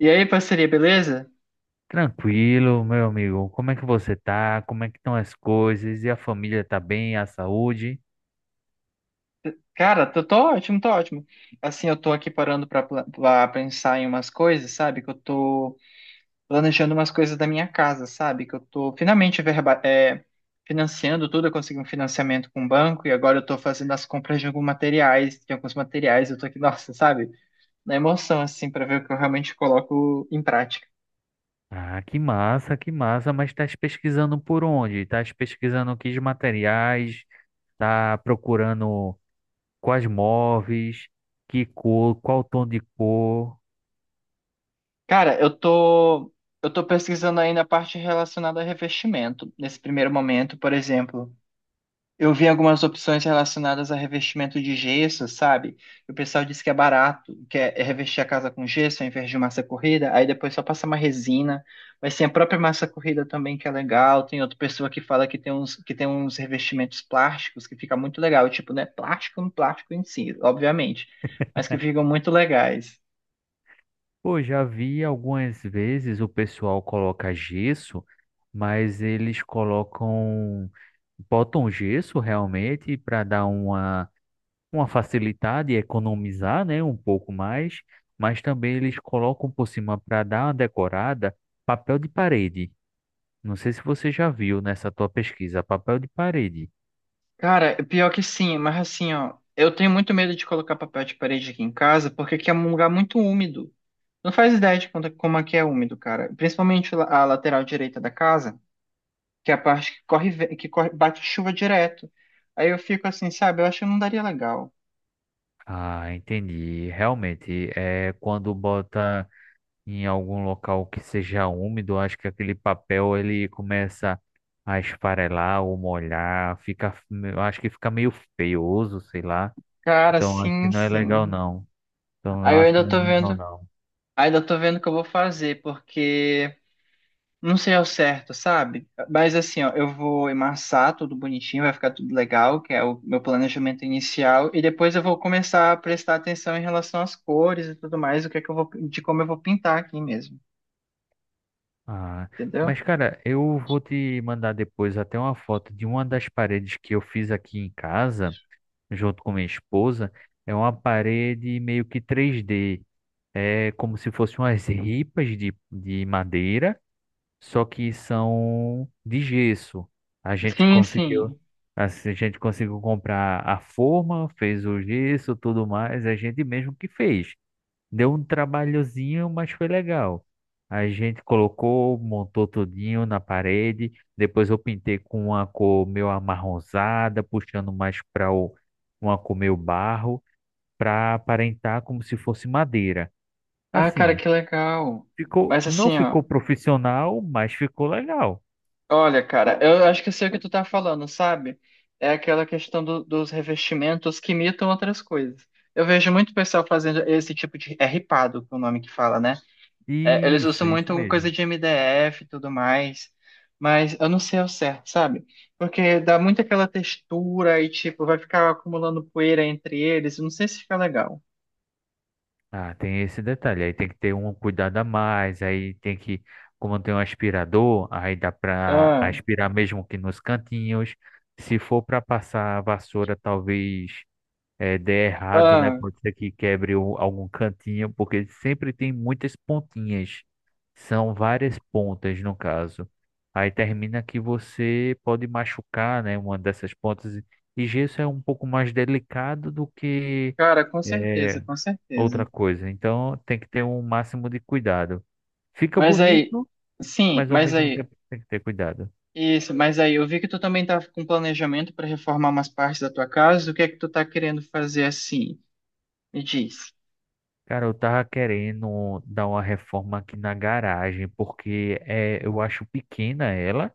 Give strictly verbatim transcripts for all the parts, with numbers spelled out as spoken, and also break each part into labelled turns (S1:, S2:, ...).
S1: E aí, parceria, beleza?
S2: Tranquilo, meu amigo. Como é que você tá? Como é que estão as coisas? E a família tá bem? A saúde?
S1: Cara, tô, tô ótimo, tô ótimo. Assim, eu tô aqui parando pra, pla- pra pensar em umas coisas, sabe? Que eu tô planejando umas coisas da minha casa, sabe? Que eu tô finalmente verba, é, financiando tudo, eu consegui um financiamento com o banco e agora eu tô fazendo as compras de alguns materiais, de alguns materiais, eu tô aqui, nossa, sabe? Na emoção, assim, pra ver o que eu realmente coloco em prática.
S2: Ah, que massa, que massa. Mas estás pesquisando por onde? Estás pesquisando que materiais? Tá procurando quais móveis? Que cor? Qual tom de cor?
S1: Cara, eu tô, eu tô pesquisando ainda a parte relacionada a revestimento. Nesse primeiro momento, por exemplo. Eu vi algumas opções relacionadas a revestimento de gesso, sabe? E o pessoal disse que é barato, que é é revestir a casa com gesso ao invés de massa corrida, aí depois só passa uma resina. Mas tem a própria massa corrida também que é legal. Tem outra pessoa que fala que tem uns, que tem uns revestimentos plásticos que fica muito legal. Tipo, não é plástico, no plástico em si, obviamente, mas que ficam muito legais.
S2: Pô, já vi algumas vezes o pessoal coloca gesso, mas eles colocam, botam gesso realmente para dar uma uma facilidade e economizar, né, um pouco mais, mas também eles colocam por cima para dar uma decorada, papel de parede. Não sei se você já viu nessa tua pesquisa, papel de parede.
S1: Cara, é pior que sim, mas assim, ó, eu tenho muito medo de colocar papel de parede aqui em casa, porque aqui é um lugar muito úmido. Não faz ideia de quanto- como aqui é úmido, cara. Principalmente la- a lateral direita da casa, que é a parte que corre, ve- que corre, bate chuva direto. Aí eu fico assim, sabe? Eu acho que não daria legal.
S2: Ah, entendi. Realmente, é quando bota em algum local que seja úmido, acho que aquele papel ele começa a esfarelar ou molhar, fica, eu acho que fica meio feioso, sei lá.
S1: Cara,
S2: Então, acho que
S1: sim,
S2: não é legal
S1: sim.
S2: não. Então, eu
S1: Aí eu
S2: acho que
S1: ainda
S2: não
S1: tô
S2: é legal
S1: vendo,
S2: não.
S1: ainda tô vendo o que eu vou fazer, porque não sei ao certo, sabe? Mas assim, ó, eu vou emassar tudo bonitinho, vai ficar tudo legal, que é o meu planejamento inicial, e depois eu vou começar a prestar atenção em relação às cores e tudo mais, o que é que eu vou, de como eu vou pintar aqui mesmo,
S2: Ah,
S1: entendeu?
S2: mas cara, eu vou te mandar depois até uma foto de uma das paredes que eu fiz aqui em casa, junto com minha esposa. É uma parede meio que três d. É como se fossem umas ripas de, de madeira, só que são de gesso. A gente
S1: Sim,
S2: conseguiu,
S1: sim.
S2: assim, a gente conseguiu comprar a forma, fez o gesso, tudo mais, a gente mesmo que fez. Deu um trabalhozinho, mas foi legal. A gente colocou, montou tudinho na parede. Depois eu pintei com uma cor meio amarronzada, puxando mais para uma cor meio barro, para aparentar como se fosse madeira.
S1: Ah, cara,
S2: Assim,
S1: que legal.
S2: ficou,
S1: Mas
S2: não
S1: assim, ó,
S2: ficou profissional, mas ficou legal.
S1: olha, cara, eu acho que eu sei o que tu tá falando, sabe? É aquela questão do- dos revestimentos que imitam outras coisas. Eu vejo muito pessoal fazendo esse tipo de. É ripado, que é o nome que fala, né? É, eles
S2: Isso,
S1: usam
S2: isso
S1: muito
S2: mesmo.
S1: coisa de M D F e tudo mais. Mas eu não sei ao certo, sabe? Porque dá muito aquela textura e, tipo, vai ficar acumulando poeira entre eles. Eu não sei se fica legal.
S2: Ah, tem esse detalhe. Aí tem que ter um cuidado a mais. Aí tem que, como tem um aspirador, aí dá para
S1: Ah,
S2: aspirar mesmo que nos cantinhos. Se for para passar a vassoura, talvez é, dê errado, né?
S1: ah,
S2: Pode ser que quebre o- algum cantinho, porque sempre tem muitas pontinhas. São várias pontas, no caso. Aí termina que você pode machucar, né? Uma dessas pontas. E gesso é um pouco mais delicado do que.
S1: Cara, com certeza,
S2: é,
S1: com
S2: Outra
S1: certeza.
S2: coisa. Então tem que ter um máximo de cuidado. Fica
S1: Mas aí,
S2: bonito,
S1: sim,
S2: mas ao
S1: mas
S2: mesmo
S1: aí,
S2: tempo tem que ter cuidado.
S1: isso, Mas aí, eu vi que tu também tá com planejamento para reformar umas partes da tua casa. O que é que tu tá querendo fazer assim? Me diz.
S2: Cara, eu tava querendo dar uma reforma aqui na garagem, porque é, eu acho pequena ela,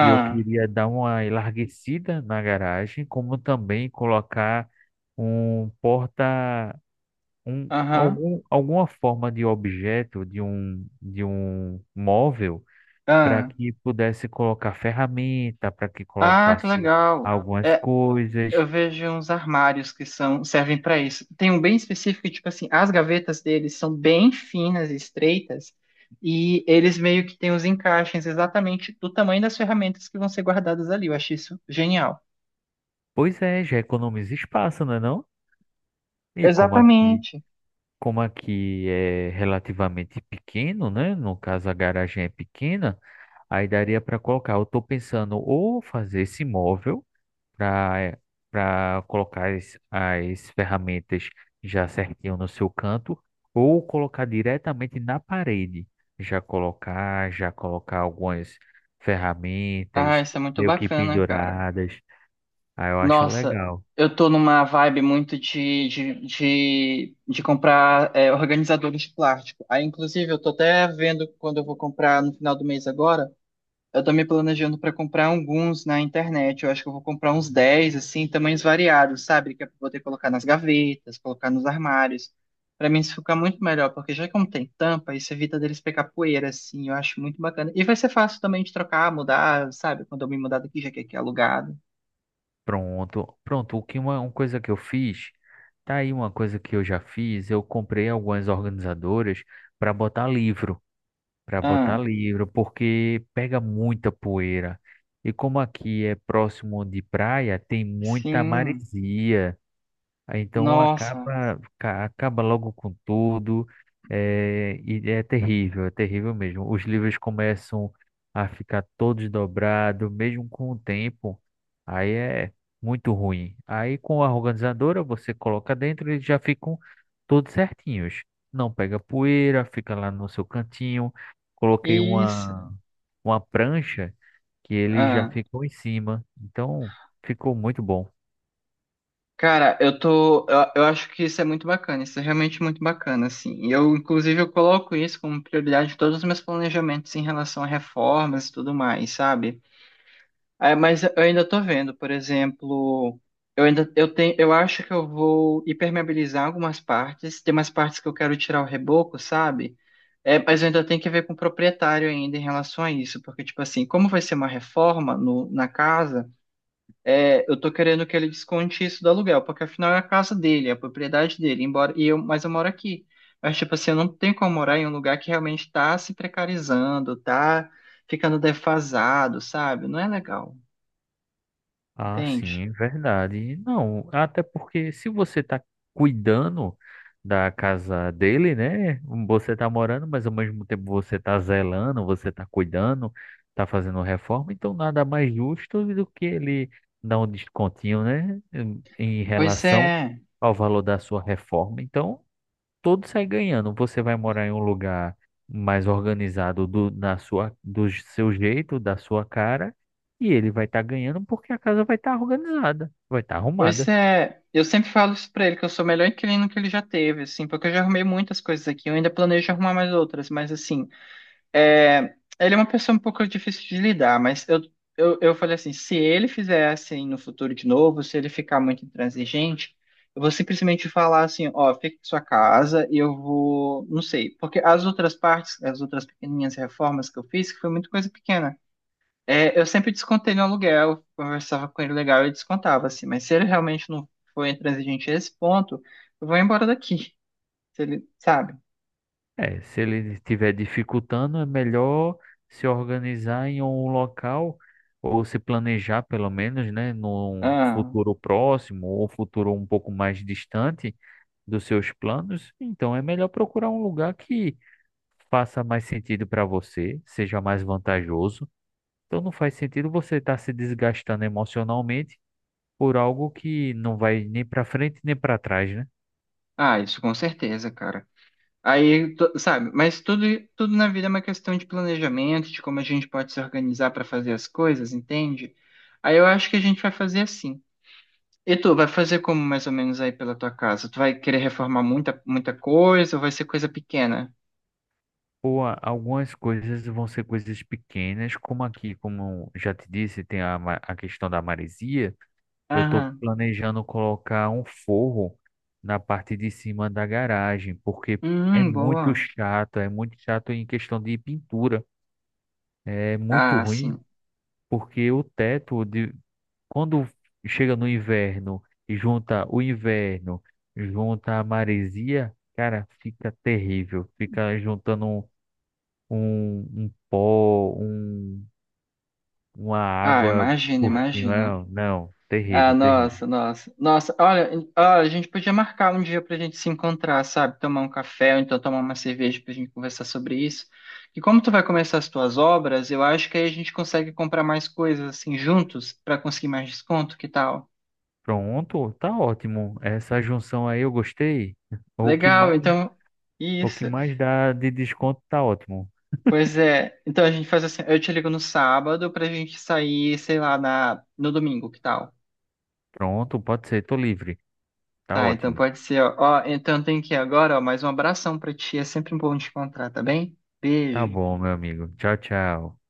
S2: e eu queria dar uma enlarguecida na garagem, como também colocar um porta, um,
S1: aham,
S2: algum, alguma forma de objeto, de um, de um móvel para
S1: ah.
S2: que pudesse colocar ferramenta, para que
S1: Ah, que
S2: colocasse
S1: legal.
S2: algumas
S1: É,
S2: coisas.
S1: eu vejo uns armários que são, servem para isso. Tem um bem específico, tipo assim, as gavetas deles são bem finas e estreitas, e eles meio que têm os encaixes exatamente do tamanho das ferramentas que vão ser guardadas ali. Eu achei isso genial.
S2: Pois é, já economiza espaço, não é não? E como aqui,
S1: Exatamente.
S2: como aqui é relativamente pequeno, né? No caso a garagem é pequena, aí daria para colocar. Eu estou pensando ou fazer esse móvel para para colocar as, as ferramentas já certinho no seu canto, ou colocar diretamente na parede. Já colocar, já colocar algumas
S1: Ah,
S2: ferramentas
S1: isso é muito
S2: meio que
S1: bacana, cara.
S2: penduradas. Aí eu acho
S1: Nossa,
S2: legal.
S1: eu tô numa vibe muito de, de, de, de comprar é, organizadores de plástico. Aí, inclusive, eu tô até vendo quando eu vou comprar no final do mês agora. Eu tô me planejando para comprar alguns na internet. Eu acho que eu vou comprar uns dez, assim, tamanhos variados, sabe? Que eu vou ter que colocar nas gavetas, colocar nos armários. Para mim isso fica muito melhor, porque já que não tem tampa, isso evita deles pegar poeira, assim. Eu acho muito bacana. E vai ser fácil também de trocar, mudar, sabe? Quando eu me mudar daqui, já que aqui é alugado.
S2: Pronto, pronto. O que uma, uma coisa que eu fiz, tá aí uma coisa que eu já fiz, eu comprei algumas organizadoras para botar livro. Para botar
S1: Ah,
S2: livro, porque pega muita poeira. E como aqui é próximo de praia, tem muita
S1: sim.
S2: maresia. Aí, então
S1: Nossa.
S2: acaba, ca- acaba logo com tudo, é, e é terrível, é terrível mesmo. Os livros começam a ficar todos dobrados, mesmo com o tempo, aí é muito ruim. Aí com a organizadora você coloca dentro e eles já ficam todos certinhos. Não pega poeira, fica lá no seu cantinho. Coloquei
S1: Isso.
S2: uma, uma prancha que ele já
S1: Ah.
S2: ficou em cima, então ficou muito bom.
S1: Cara, eu tô, eu, eu acho que isso é muito bacana, isso é realmente muito bacana, assim. E eu, inclusive, eu coloco isso como prioridade em todos os meus planejamentos em relação a reformas e tudo mais, sabe? É, mas eu ainda tô vendo, por exemplo, eu ainda, eu tenho, eu acho que eu vou impermeabilizar algumas partes, tem umas partes que eu quero tirar o reboco, sabe? É, mas eu ainda tenho que ver com o proprietário ainda em relação a isso, porque, tipo assim, como vai ser uma reforma no, na casa é, eu tô querendo que ele desconte isso do aluguel, porque afinal é a casa dele, é a propriedade dele, embora e eu, mas eu moro aqui. Mas tipo assim, eu não tenho como morar em um lugar que realmente tá se precarizando, tá ficando defasado, sabe? Não é legal,
S2: Ah, sim,
S1: entende?
S2: é verdade. Não, até porque se você está cuidando da casa dele, né? hum, Você está morando, mas ao mesmo tempo você está zelando, você está cuidando, está fazendo reforma, então nada mais justo do que ele dar um descontinho, né? Em em
S1: Pois
S2: relação
S1: é,
S2: ao valor da sua reforma. Então, todo sai ganhando. Você vai morar em um lugar mais organizado do, na sua, do seu jeito, da sua cara, e ele vai estar ganhando porque a casa vai estar organizada, vai estar
S1: pois
S2: arrumada.
S1: é. Eu sempre falo isso pra ele, que eu sou o melhor inquilino que ele já teve, assim, porque eu já arrumei muitas coisas aqui, eu ainda planejo arrumar mais outras, mas assim, é, ele é uma pessoa um pouco difícil de lidar, mas eu, eu, eu falei assim, se ele fizer assim no futuro de novo, se ele ficar muito intransigente, eu vou simplesmente falar assim, ó, fica em sua casa e eu vou, não sei, porque as outras partes, as outras pequenininhas reformas que eu fiz, que foi muita coisa pequena, é, eu sempre descontei no aluguel, conversava com ele legal e descontava assim, mas se ele realmente não foi intransigente a esse ponto, eu vou embora daqui, se ele, sabe?
S2: É, se ele estiver dificultando, é melhor se organizar em um local ou se planejar pelo menos, né, num
S1: Ah,
S2: futuro próximo ou futuro um pouco mais distante dos seus planos. Então é melhor procurar um lugar que faça mais sentido para você, seja mais vantajoso. Então não faz sentido você estar se desgastando emocionalmente por algo que não vai nem para frente nem para trás, né?
S1: ah, isso com certeza, cara. Aí, tu- sabe, mas tudo, tudo na vida é uma questão de planejamento, de como a gente pode se organizar para fazer as coisas, entende? Aí eu acho que a gente vai fazer assim. E tu, vai fazer como mais ou menos aí pela tua casa? Tu vai querer reformar muita, muita coisa ou vai ser coisa pequena?
S2: Ou a- algumas coisas vão ser coisas pequenas, como aqui, como eu já te disse, tem a, ma- a questão da maresia. Eu estou
S1: Aham.
S2: planejando colocar um forro na parte de cima da garagem, porque é
S1: Hum,
S2: muito
S1: boa.
S2: chato, é muito chato em questão de pintura. É muito
S1: Ah,
S2: ruim,
S1: sim.
S2: porque o teto de, quando chega no inverno e junta o inverno, junta a maresia, cara, fica terrível. Fica juntando um, um, um pó, um, uma
S1: Ah,
S2: água
S1: imagina,
S2: por
S1: imagina.
S2: cima. Não,
S1: Ah,
S2: terrível, terrível.
S1: nossa, nossa. Nossa, olha, em- olha, a gente podia marcar um dia pra gente se encontrar, sabe? Tomar um café ou então tomar uma cerveja pra gente conversar sobre isso. E como tu vai começar as tuas obras, eu acho que aí a gente consegue comprar mais coisas assim juntos pra conseguir mais desconto, que tal?
S2: Pronto, tá ótimo. Essa junção aí eu gostei. O que
S1: Legal,
S2: mais,
S1: então
S2: o que
S1: isso.
S2: mais dá de desconto tá ótimo.
S1: Pois é. Então a gente faz assim, eu te ligo no sábado pra gente sair, sei lá, na no domingo, que tal?
S2: Pronto, pode ser, tô livre. Tá
S1: Tá, então
S2: ótimo.
S1: pode ser, ó. Ó, então tem que ir agora, ó, mais um abração pra ti, é sempre bom te encontrar, tá bem?
S2: Tá
S1: Beijo.
S2: bom, meu amigo. Tchau, tchau.